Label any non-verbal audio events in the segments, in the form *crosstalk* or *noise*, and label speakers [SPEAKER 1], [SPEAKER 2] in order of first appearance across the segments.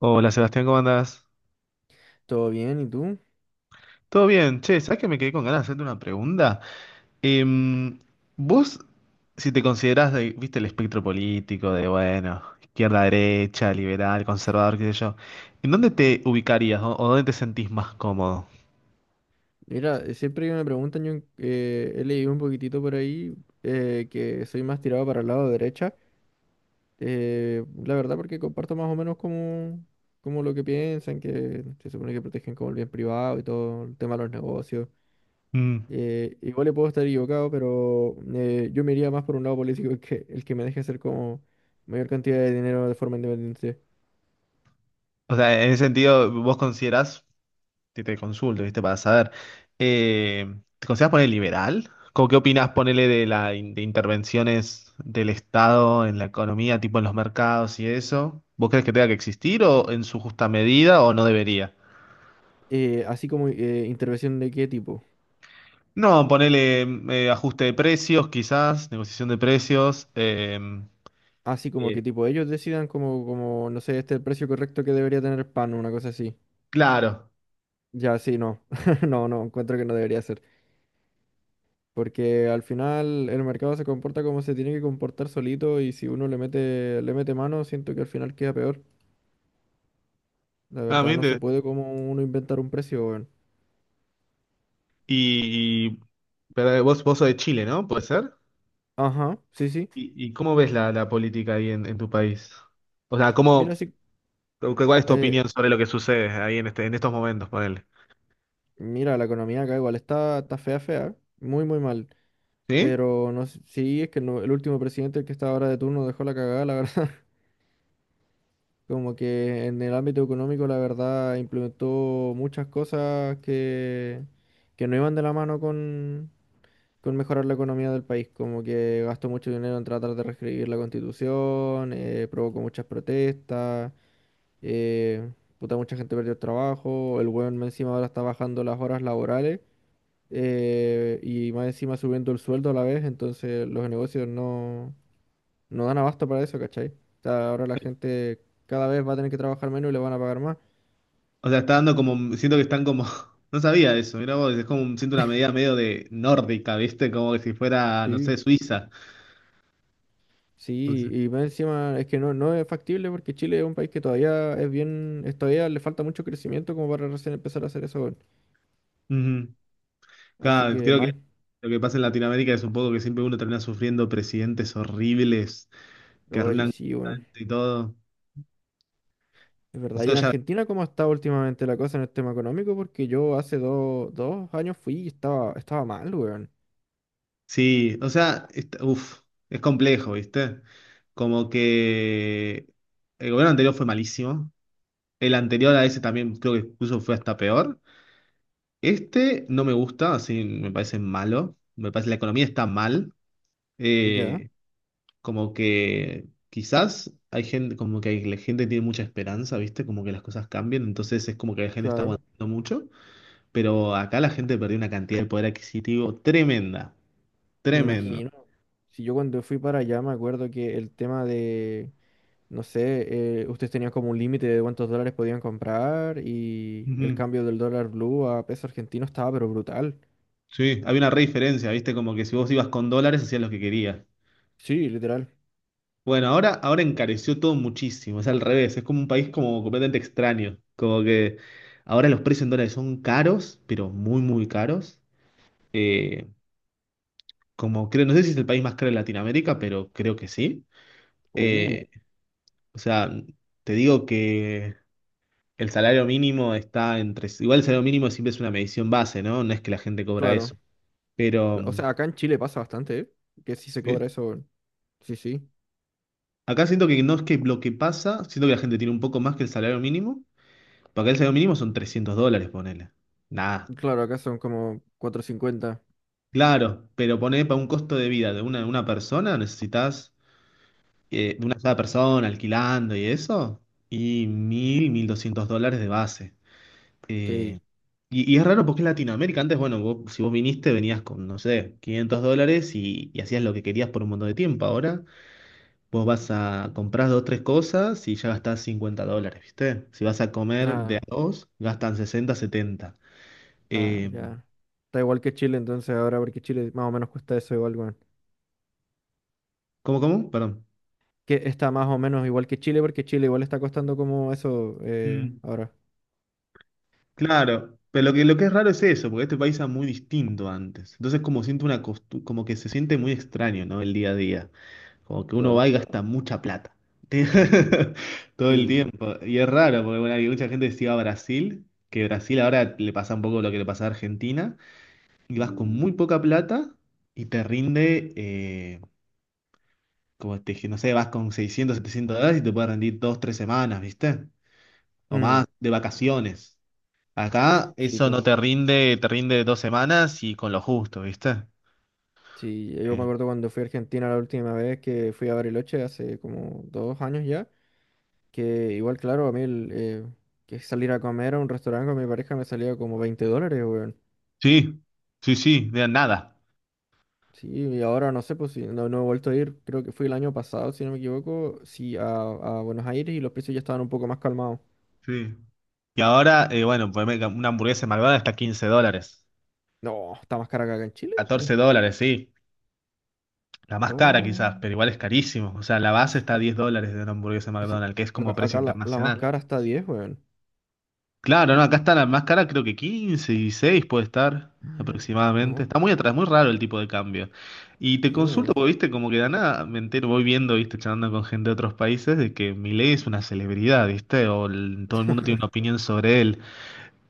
[SPEAKER 1] Hola Sebastián, ¿cómo andás?
[SPEAKER 2] Todo bien, ¿y tú?
[SPEAKER 1] Todo bien, che, ¿sabes que me quedé con ganas de hacerte una pregunta? Em, vos, si te considerás, de, viste, el espectro político de, bueno, izquierda, derecha, liberal, conservador, qué sé yo, ¿en dónde te ubicarías o dónde te sentís más cómodo?
[SPEAKER 2] Mira, siempre que me preguntan, yo he leído un poquitito por ahí que soy más tirado para el lado derecha. La verdad porque comparto más o menos como, como lo que piensan, que se supone que protegen como el bien privado y todo el tema de los negocios.
[SPEAKER 1] Mm.
[SPEAKER 2] Igual le puedo estar equivocado, pero yo me iría más por un lado político el que me deje hacer como mayor cantidad de dinero de forma independiente.
[SPEAKER 1] O sea, en ese sentido, ¿vos considerás te consulto? ¿Viste? Para saber. ¿Te consideras poner liberal? ¿Cómo qué opinas, ponele, de intervenciones del Estado en la economía, tipo en los mercados y eso? ¿Vos crees que tenga que existir o en su justa medida o no debería?
[SPEAKER 2] Así como intervención de qué tipo.
[SPEAKER 1] No, ponele, ajuste de precios, quizás, negociación de precios.
[SPEAKER 2] Así como
[SPEAKER 1] Eh,
[SPEAKER 2] que tipo ellos decidan como, como, no sé, este es el precio correcto que debería tener el pan, una cosa así.
[SPEAKER 1] claro.
[SPEAKER 2] Ya, sí, no. *laughs* No, no, encuentro que no debería ser. Porque al final el mercado se comporta como se tiene que comportar solito y si uno le mete mano, siento que al final queda peor. La
[SPEAKER 1] Ah,
[SPEAKER 2] verdad,
[SPEAKER 1] bien.
[SPEAKER 2] no se puede como uno inventar un precio, weón.
[SPEAKER 1] Y, y- pero vos sos de Chile, ¿no? ¿Puede ser?
[SPEAKER 2] Ajá, sí, sí.
[SPEAKER 1] ¿Y cómo ves la política ahí en tu país? O sea,
[SPEAKER 2] Mira, sí.
[SPEAKER 1] ¿Cuál es tu
[SPEAKER 2] eh,
[SPEAKER 1] opinión sobre lo que sucede ahí en estos momentos, ponele?
[SPEAKER 2] Mira, la economía acá igual está, está fea, fea. Muy, muy mal.
[SPEAKER 1] ¿Sí?
[SPEAKER 2] Pero no sé, sí, es que no, el último presidente, el que está ahora de turno, dejó la cagada, la *laughs* verdad. Como que en el ámbito económico, la verdad, implementó muchas cosas que no iban de la mano con mejorar la economía del país. Como que gastó mucho dinero en tratar de reescribir la constitución, provocó muchas protestas, eh, puta, mucha gente perdió el trabajo. El weón más encima ahora está bajando las horas laborales y más encima subiendo el sueldo a la vez. Entonces, los negocios no. No dan abasto para eso, ¿cachai? O sea, ahora la gente cada vez va a tener que trabajar menos y le van a pagar más.
[SPEAKER 1] O sea, está dando como, siento que están como, *laughs* no sabía eso, mira vos, es como, siento una medida medio de nórdica, ¿viste? Como que si fuera, no sé,
[SPEAKER 2] Sí.
[SPEAKER 1] Suiza. O
[SPEAKER 2] Sí,
[SPEAKER 1] sea,
[SPEAKER 2] y más encima es que no, no es factible porque Chile es un país que todavía es bien, es, todavía le falta mucho crecimiento como para recién empezar a hacer eso, weón.
[SPEAKER 1] ujú.
[SPEAKER 2] Así
[SPEAKER 1] Claro,
[SPEAKER 2] que
[SPEAKER 1] creo que
[SPEAKER 2] mal.
[SPEAKER 1] lo que pasa en Latinoamérica es un poco que siempre uno termina sufriendo presidentes horribles que
[SPEAKER 2] Oye,
[SPEAKER 1] arruinan
[SPEAKER 2] sí, weón.
[SPEAKER 1] completamente y todo.
[SPEAKER 2] Es verdad. ¿Y en
[SPEAKER 1] Nosotros ya,
[SPEAKER 2] Argentina cómo ha estado últimamente la cosa en el tema económico? Porque yo hace dos años fui y estaba, estaba mal, weón.
[SPEAKER 1] sí, o sea, uf, es complejo, ¿viste? Como que el gobierno anterior fue malísimo. El anterior a ese también creo que incluso fue hasta peor. Este no me gusta, así me parece malo. Me parece la economía está mal.
[SPEAKER 2] Ya,
[SPEAKER 1] Eh, Como que quizás hay gente, la gente tiene mucha esperanza, ¿viste? Como que las cosas cambian, entonces es como que la gente está
[SPEAKER 2] claro,
[SPEAKER 1] aguantando mucho. Pero acá la gente perdió una cantidad de poder adquisitivo tremenda,
[SPEAKER 2] me
[SPEAKER 1] tremendo.
[SPEAKER 2] imagino. Si yo cuando fui para allá me acuerdo que el tema de no sé, ustedes tenían como un límite de cuántos dólares podían comprar y el
[SPEAKER 1] Ujú.
[SPEAKER 2] cambio del dólar blue a peso argentino estaba pero brutal.
[SPEAKER 1] Sí, había una re diferencia, ¿viste? Como que si vos ibas con dólares hacías lo que querías.
[SPEAKER 2] Sí, literal.
[SPEAKER 1] Bueno, ahora, ahora encareció todo muchísimo, es al revés, es como un país como completamente extraño, como que ahora los precios en dólares son caros, pero muy, muy caros. Eh, Como creo, no sé si es el país más caro de Latinoamérica, pero creo que sí.
[SPEAKER 2] Uh,
[SPEAKER 1] Eh, o sea, te digo que el salario mínimo está entre, igual el salario mínimo siempre es una medición base, ¿no? No es que la gente cobra
[SPEAKER 2] claro.
[SPEAKER 1] eso, pero
[SPEAKER 2] Cla, o sea, acá en Chile pasa bastante, ¿eh? Que sí se cobra
[SPEAKER 1] sí.
[SPEAKER 2] eso. Sí, sí.
[SPEAKER 1] Acá siento que no es que lo que pasa, siento que la gente tiene un poco más que el salario mínimo. Porque el salario mínimo son 300 dólares, ponele. Nada.
[SPEAKER 2] Claro, acá son como 450.
[SPEAKER 1] Claro, pero poné para un costo de vida de una persona, necesitas de una sola persona alquilando y eso, y mil doscientos dólares de base. Eh,
[SPEAKER 2] Sí.
[SPEAKER 1] y es raro porque es Latinoamérica. Antes, bueno, si vos viniste, venías con, no sé, 500 dólares y hacías lo que querías por un montón de tiempo. Ahora vos vas a comprar dos, tres cosas y ya gastás 50 dólares, ¿viste? Si vas a comer de a
[SPEAKER 2] Nada,
[SPEAKER 1] dos, gastan 60 setenta.
[SPEAKER 2] nada,
[SPEAKER 1] Eh,
[SPEAKER 2] ya. Está igual que Chile entonces ahora porque Chile más o menos cuesta eso igual, weón.
[SPEAKER 1] ¿Cómo, cómo? Perdón.
[SPEAKER 2] Que está más o menos igual que Chile porque Chile igual está costando como eso
[SPEAKER 1] Mm.
[SPEAKER 2] ahora.
[SPEAKER 1] Claro, pero lo que es raro es eso, porque este país era muy distinto antes. Entonces como siento una como que se siente muy extraño, ¿no? El día a día. Como que uno
[SPEAKER 2] Claro.
[SPEAKER 1] va y gasta mucha plata. *laughs* Todo el
[SPEAKER 2] Sí.
[SPEAKER 1] tiempo. Y es raro, porque bueno, hay mucha gente que se iba a Brasil, que Brasil ahora le pasa un poco lo que le pasa a Argentina, y vas con muy poca plata y te rinde, como te dije, no sé, vas con 600, 700 dólares y te puede rendir dos, tres semanas, ¿viste? O
[SPEAKER 2] Mm,
[SPEAKER 1] más, de vacaciones. Acá
[SPEAKER 2] sí,
[SPEAKER 1] eso
[SPEAKER 2] pues.
[SPEAKER 1] no te rinde, te rinde dos semanas y con lo justo, ¿viste?
[SPEAKER 2] Sí, yo me
[SPEAKER 1] Eh,
[SPEAKER 2] acuerdo cuando fui a Argentina la última vez que fui a Bariloche, hace como 2 años ya, que igual, claro, a mí el, que salir a comer a un restaurante con mi pareja me salía como $20, weón.
[SPEAKER 1] sí, sí, sí, de nada.
[SPEAKER 2] Sí, y ahora no sé, pues sí, no, no he vuelto a ir, creo que fui el año pasado, si no me equivoco, sí, a Buenos Aires y los precios ya estaban un poco más calmados.
[SPEAKER 1] Sí. Y ahora, bueno, pues una hamburguesa de McDonald's está 15 dólares.
[SPEAKER 2] No, está más cara que acá en Chile,
[SPEAKER 1] catorce
[SPEAKER 2] weón.
[SPEAKER 1] dólares, sí. La más cara quizás,
[SPEAKER 2] Oh,
[SPEAKER 1] pero igual es carísimo. O sea, la base está a
[SPEAKER 2] ah,
[SPEAKER 1] 10 dólares de una hamburguesa de
[SPEAKER 2] sí,
[SPEAKER 1] McDonald's, que es como
[SPEAKER 2] acá,
[SPEAKER 1] precio
[SPEAKER 2] acá la, la más
[SPEAKER 1] internacional.
[SPEAKER 2] cara está a 10, weón.
[SPEAKER 1] Claro, no, acá está la más cara, creo que 15, 16 puede estar
[SPEAKER 2] *gasps*
[SPEAKER 1] aproximadamente.
[SPEAKER 2] No,
[SPEAKER 1] Está muy atrás, muy raro el tipo de cambio. Y te
[SPEAKER 2] sí,
[SPEAKER 1] consulto,
[SPEAKER 2] weón.
[SPEAKER 1] porque viste, como que de la nada me entero, voy viendo, viste, charlando con gente de otros países, de que Milei es una celebridad, viste, todo el mundo
[SPEAKER 2] *laughs*
[SPEAKER 1] tiene una opinión sobre él.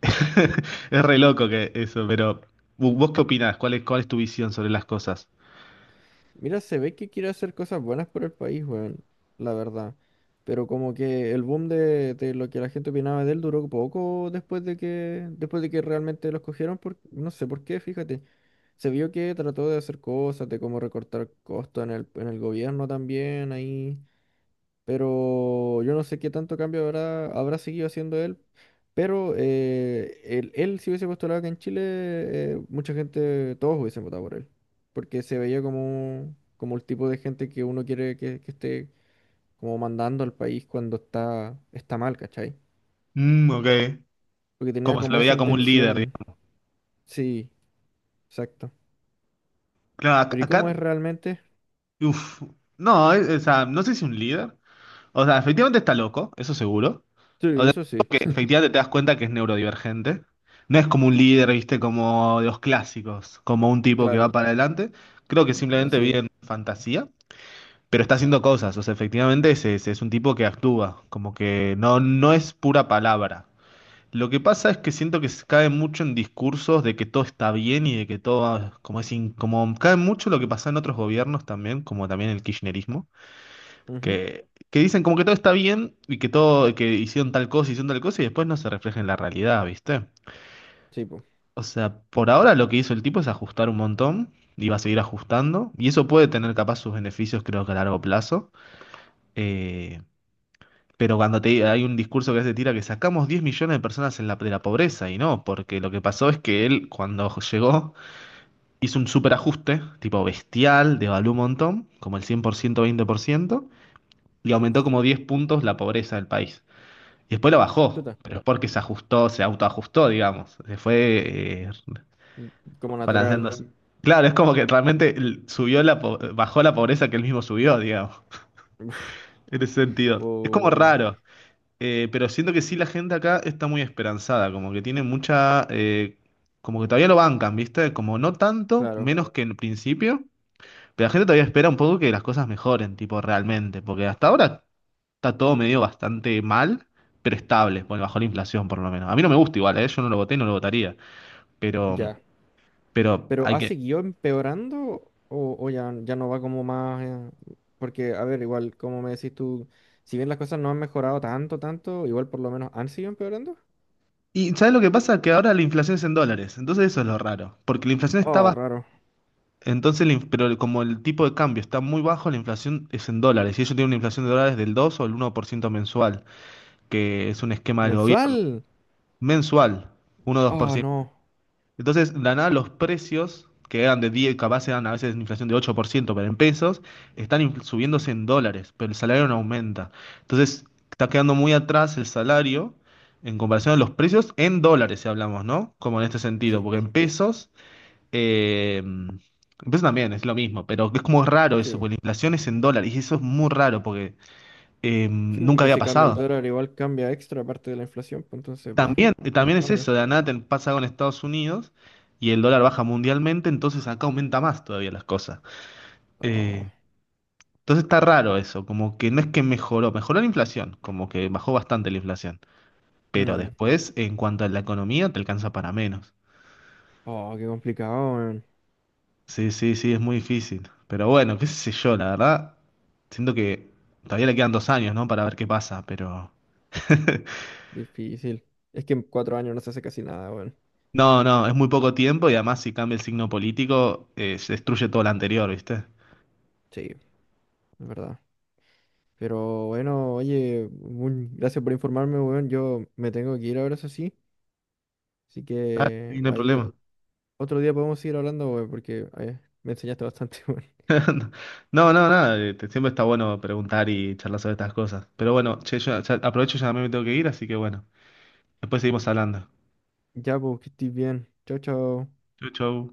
[SPEAKER 1] *laughs* Es re loco que eso, pero ¿vos qué opinás? Cuál es tu visión sobre las cosas?
[SPEAKER 2] Mira, se ve que quiere hacer cosas buenas por el país, weón, la verdad. Pero como que el boom de lo que la gente opinaba de él duró poco después de que realmente lo escogieron, por, no sé por qué, fíjate. Se vio que trató de hacer cosas, de cómo recortar costos en el gobierno también, ahí pero yo no sé qué tanto cambio habrá, habrá seguido haciendo él. Pero él, él si hubiese postulado acá en Chile, mucha gente, todos hubiesen votado por él, porque se veía como, como el tipo de gente que uno quiere que esté como mandando al país cuando está, está mal, ¿cachai?
[SPEAKER 1] Mm, ok.
[SPEAKER 2] Porque tenía
[SPEAKER 1] Como se lo
[SPEAKER 2] como esa
[SPEAKER 1] veía como un líder,
[SPEAKER 2] intención,
[SPEAKER 1] digamos.
[SPEAKER 2] sí, exacto.
[SPEAKER 1] Claro, ac-
[SPEAKER 2] Pero ¿y cómo
[SPEAKER 1] acá,
[SPEAKER 2] es realmente?
[SPEAKER 1] uf, no, o sea, no sé si un líder. O sea, efectivamente está loco, eso seguro.
[SPEAKER 2] Sí,
[SPEAKER 1] O sea,
[SPEAKER 2] eso sí,
[SPEAKER 1] que efectivamente te das cuenta que es neurodivergente. No es como un líder, viste, como de los clásicos, como un
[SPEAKER 2] *laughs*
[SPEAKER 1] tipo que va
[SPEAKER 2] claro,
[SPEAKER 1] para adelante. Creo que
[SPEAKER 2] no
[SPEAKER 1] simplemente vive
[SPEAKER 2] sé.
[SPEAKER 1] en fantasía, pero está haciendo cosas. O sea, efectivamente es un tipo que actúa, como que no, no es pura palabra. Lo que pasa es que siento que se cae mucho en discursos de que todo está bien y de que todo, como es, como cae mucho lo que pasa en otros gobiernos también, como también el kirchnerismo
[SPEAKER 2] Ujú,
[SPEAKER 1] que dicen como que todo está bien y que todo, que hicieron tal cosa y después no se refleja en la realidad, ¿viste?
[SPEAKER 2] sí, pues,
[SPEAKER 1] O sea, por ahora lo que hizo el tipo es ajustar un montón y va a seguir ajustando y eso puede tener capaz sus beneficios creo que a largo plazo. Eh, pero cuando te, hay un discurso que se tira que sacamos 10 millones de personas en la, de la pobreza y no, porque lo que pasó es que él cuando llegó hizo un superajuste, tipo bestial, devaluó un montón, como el 100% 20% y
[SPEAKER 2] uf,
[SPEAKER 1] aumentó como 10 puntos la pobreza del país. Y después lo bajó,
[SPEAKER 2] chuta,
[SPEAKER 1] pero es porque se ajustó, se autoajustó, digamos. Se fue,
[SPEAKER 2] como natural.
[SPEAKER 1] balanceándose. Claro, es como que realmente subió la bajó la pobreza que él mismo subió, digamos, *laughs*
[SPEAKER 2] *laughs*
[SPEAKER 1] en ese sentido. Es como
[SPEAKER 2] O,
[SPEAKER 1] raro, pero siento que sí la gente acá está muy esperanzada, como que tiene mucha, como que todavía lo bancan, ¿viste? Como no tanto,
[SPEAKER 2] claro,
[SPEAKER 1] menos que en principio, pero la gente todavía espera un poco que las cosas mejoren, tipo, realmente, porque hasta ahora está todo medio bastante mal, pero estable, bueno, bajo la inflación por lo menos. A mí no me gusta igual, ¿eh? Yo no lo voté y no lo votaría, pero,
[SPEAKER 2] ya.
[SPEAKER 1] pero
[SPEAKER 2] Pero
[SPEAKER 1] hay
[SPEAKER 2] ¿ha
[SPEAKER 1] que...
[SPEAKER 2] seguido empeorando o ya, ya no va como más? Porque, a ver, igual, como me decís tú, si bien las cosas no han mejorado tanto, tanto, igual por lo menos han seguido empeorando.
[SPEAKER 1] Y ¿sabes lo que pasa? Que ahora la inflación es en dólares, entonces eso es lo raro, porque la inflación está
[SPEAKER 2] Oh,
[SPEAKER 1] baja,
[SPEAKER 2] raro.
[SPEAKER 1] entonces, la inf- pero el- como el tipo de cambio está muy bajo, la inflación es en dólares, y ellos tienen una inflación de dólares del 2 o el 1% mensual, que es un esquema del gobierno,
[SPEAKER 2] ¿Mensual?
[SPEAKER 1] mensual, uno dos por
[SPEAKER 2] Oh,
[SPEAKER 1] ciento.
[SPEAKER 2] no.
[SPEAKER 1] Entonces, de la nada, los precios, que eran de 10, capaz eran a veces inflación de 8%, pero en pesos, están subiéndose en dólares, pero el salario no aumenta. Entonces, está quedando muy atrás el salario en comparación a los precios en dólares, si hablamos, ¿no? Como en este
[SPEAKER 2] Sí,
[SPEAKER 1] sentido, porque
[SPEAKER 2] po,
[SPEAKER 1] en pesos también es lo mismo, pero es como raro
[SPEAKER 2] sí,
[SPEAKER 1] eso, porque
[SPEAKER 2] po.
[SPEAKER 1] la inflación es en dólares, y eso es muy raro, porque
[SPEAKER 2] Sí, po,
[SPEAKER 1] nunca
[SPEAKER 2] porque
[SPEAKER 1] había
[SPEAKER 2] si cambia el
[SPEAKER 1] pasado.
[SPEAKER 2] dólar, igual cambia extra parte de la inflación, pues entonces más,
[SPEAKER 1] También,
[SPEAKER 2] más
[SPEAKER 1] también es
[SPEAKER 2] cambios.
[SPEAKER 1] eso, de la nada te pasa con Estados Unidos y el dólar baja mundialmente, entonces acá aumenta más todavía las cosas.
[SPEAKER 2] Oh,
[SPEAKER 1] Eh, entonces está raro eso, como que no es que mejoró, la inflación, como que bajó bastante la inflación, pero
[SPEAKER 2] mm.
[SPEAKER 1] después en cuanto a la economía te alcanza para menos.
[SPEAKER 2] Oh, qué complicado, weón.
[SPEAKER 1] Sí, sí, sí, es muy difícil. Pero bueno, qué sé yo, la verdad, siento que todavía le quedan 2 años, ¿no? Para ver qué pasa, pero... *laughs*
[SPEAKER 2] Difícil. Es que en 4 años no se hace casi nada, weón.
[SPEAKER 1] No, no, es muy poco tiempo y además si cambia el signo político, se destruye todo lo anterior, ¿viste?
[SPEAKER 2] Sí, es verdad. Pero bueno, oye, un, gracias por informarme, weón. Yo me tengo que ir ahora, eso sí. Así
[SPEAKER 1] Ah, sí,
[SPEAKER 2] que
[SPEAKER 1] no hay
[SPEAKER 2] ahí de,
[SPEAKER 1] problema.
[SPEAKER 2] otro día podemos seguir hablando, weón, porque me enseñaste bastante, *laughs* weón.
[SPEAKER 1] *laughs* No, no, nada. Siempre está bueno preguntar y charlar sobre estas cosas. Pero bueno, che, yo aprovecho, ya me tengo que ir, así que bueno. Después seguimos hablando.
[SPEAKER 2] Ya, pues, que estés bien. Chao, chao.
[SPEAKER 1] Chau, chau.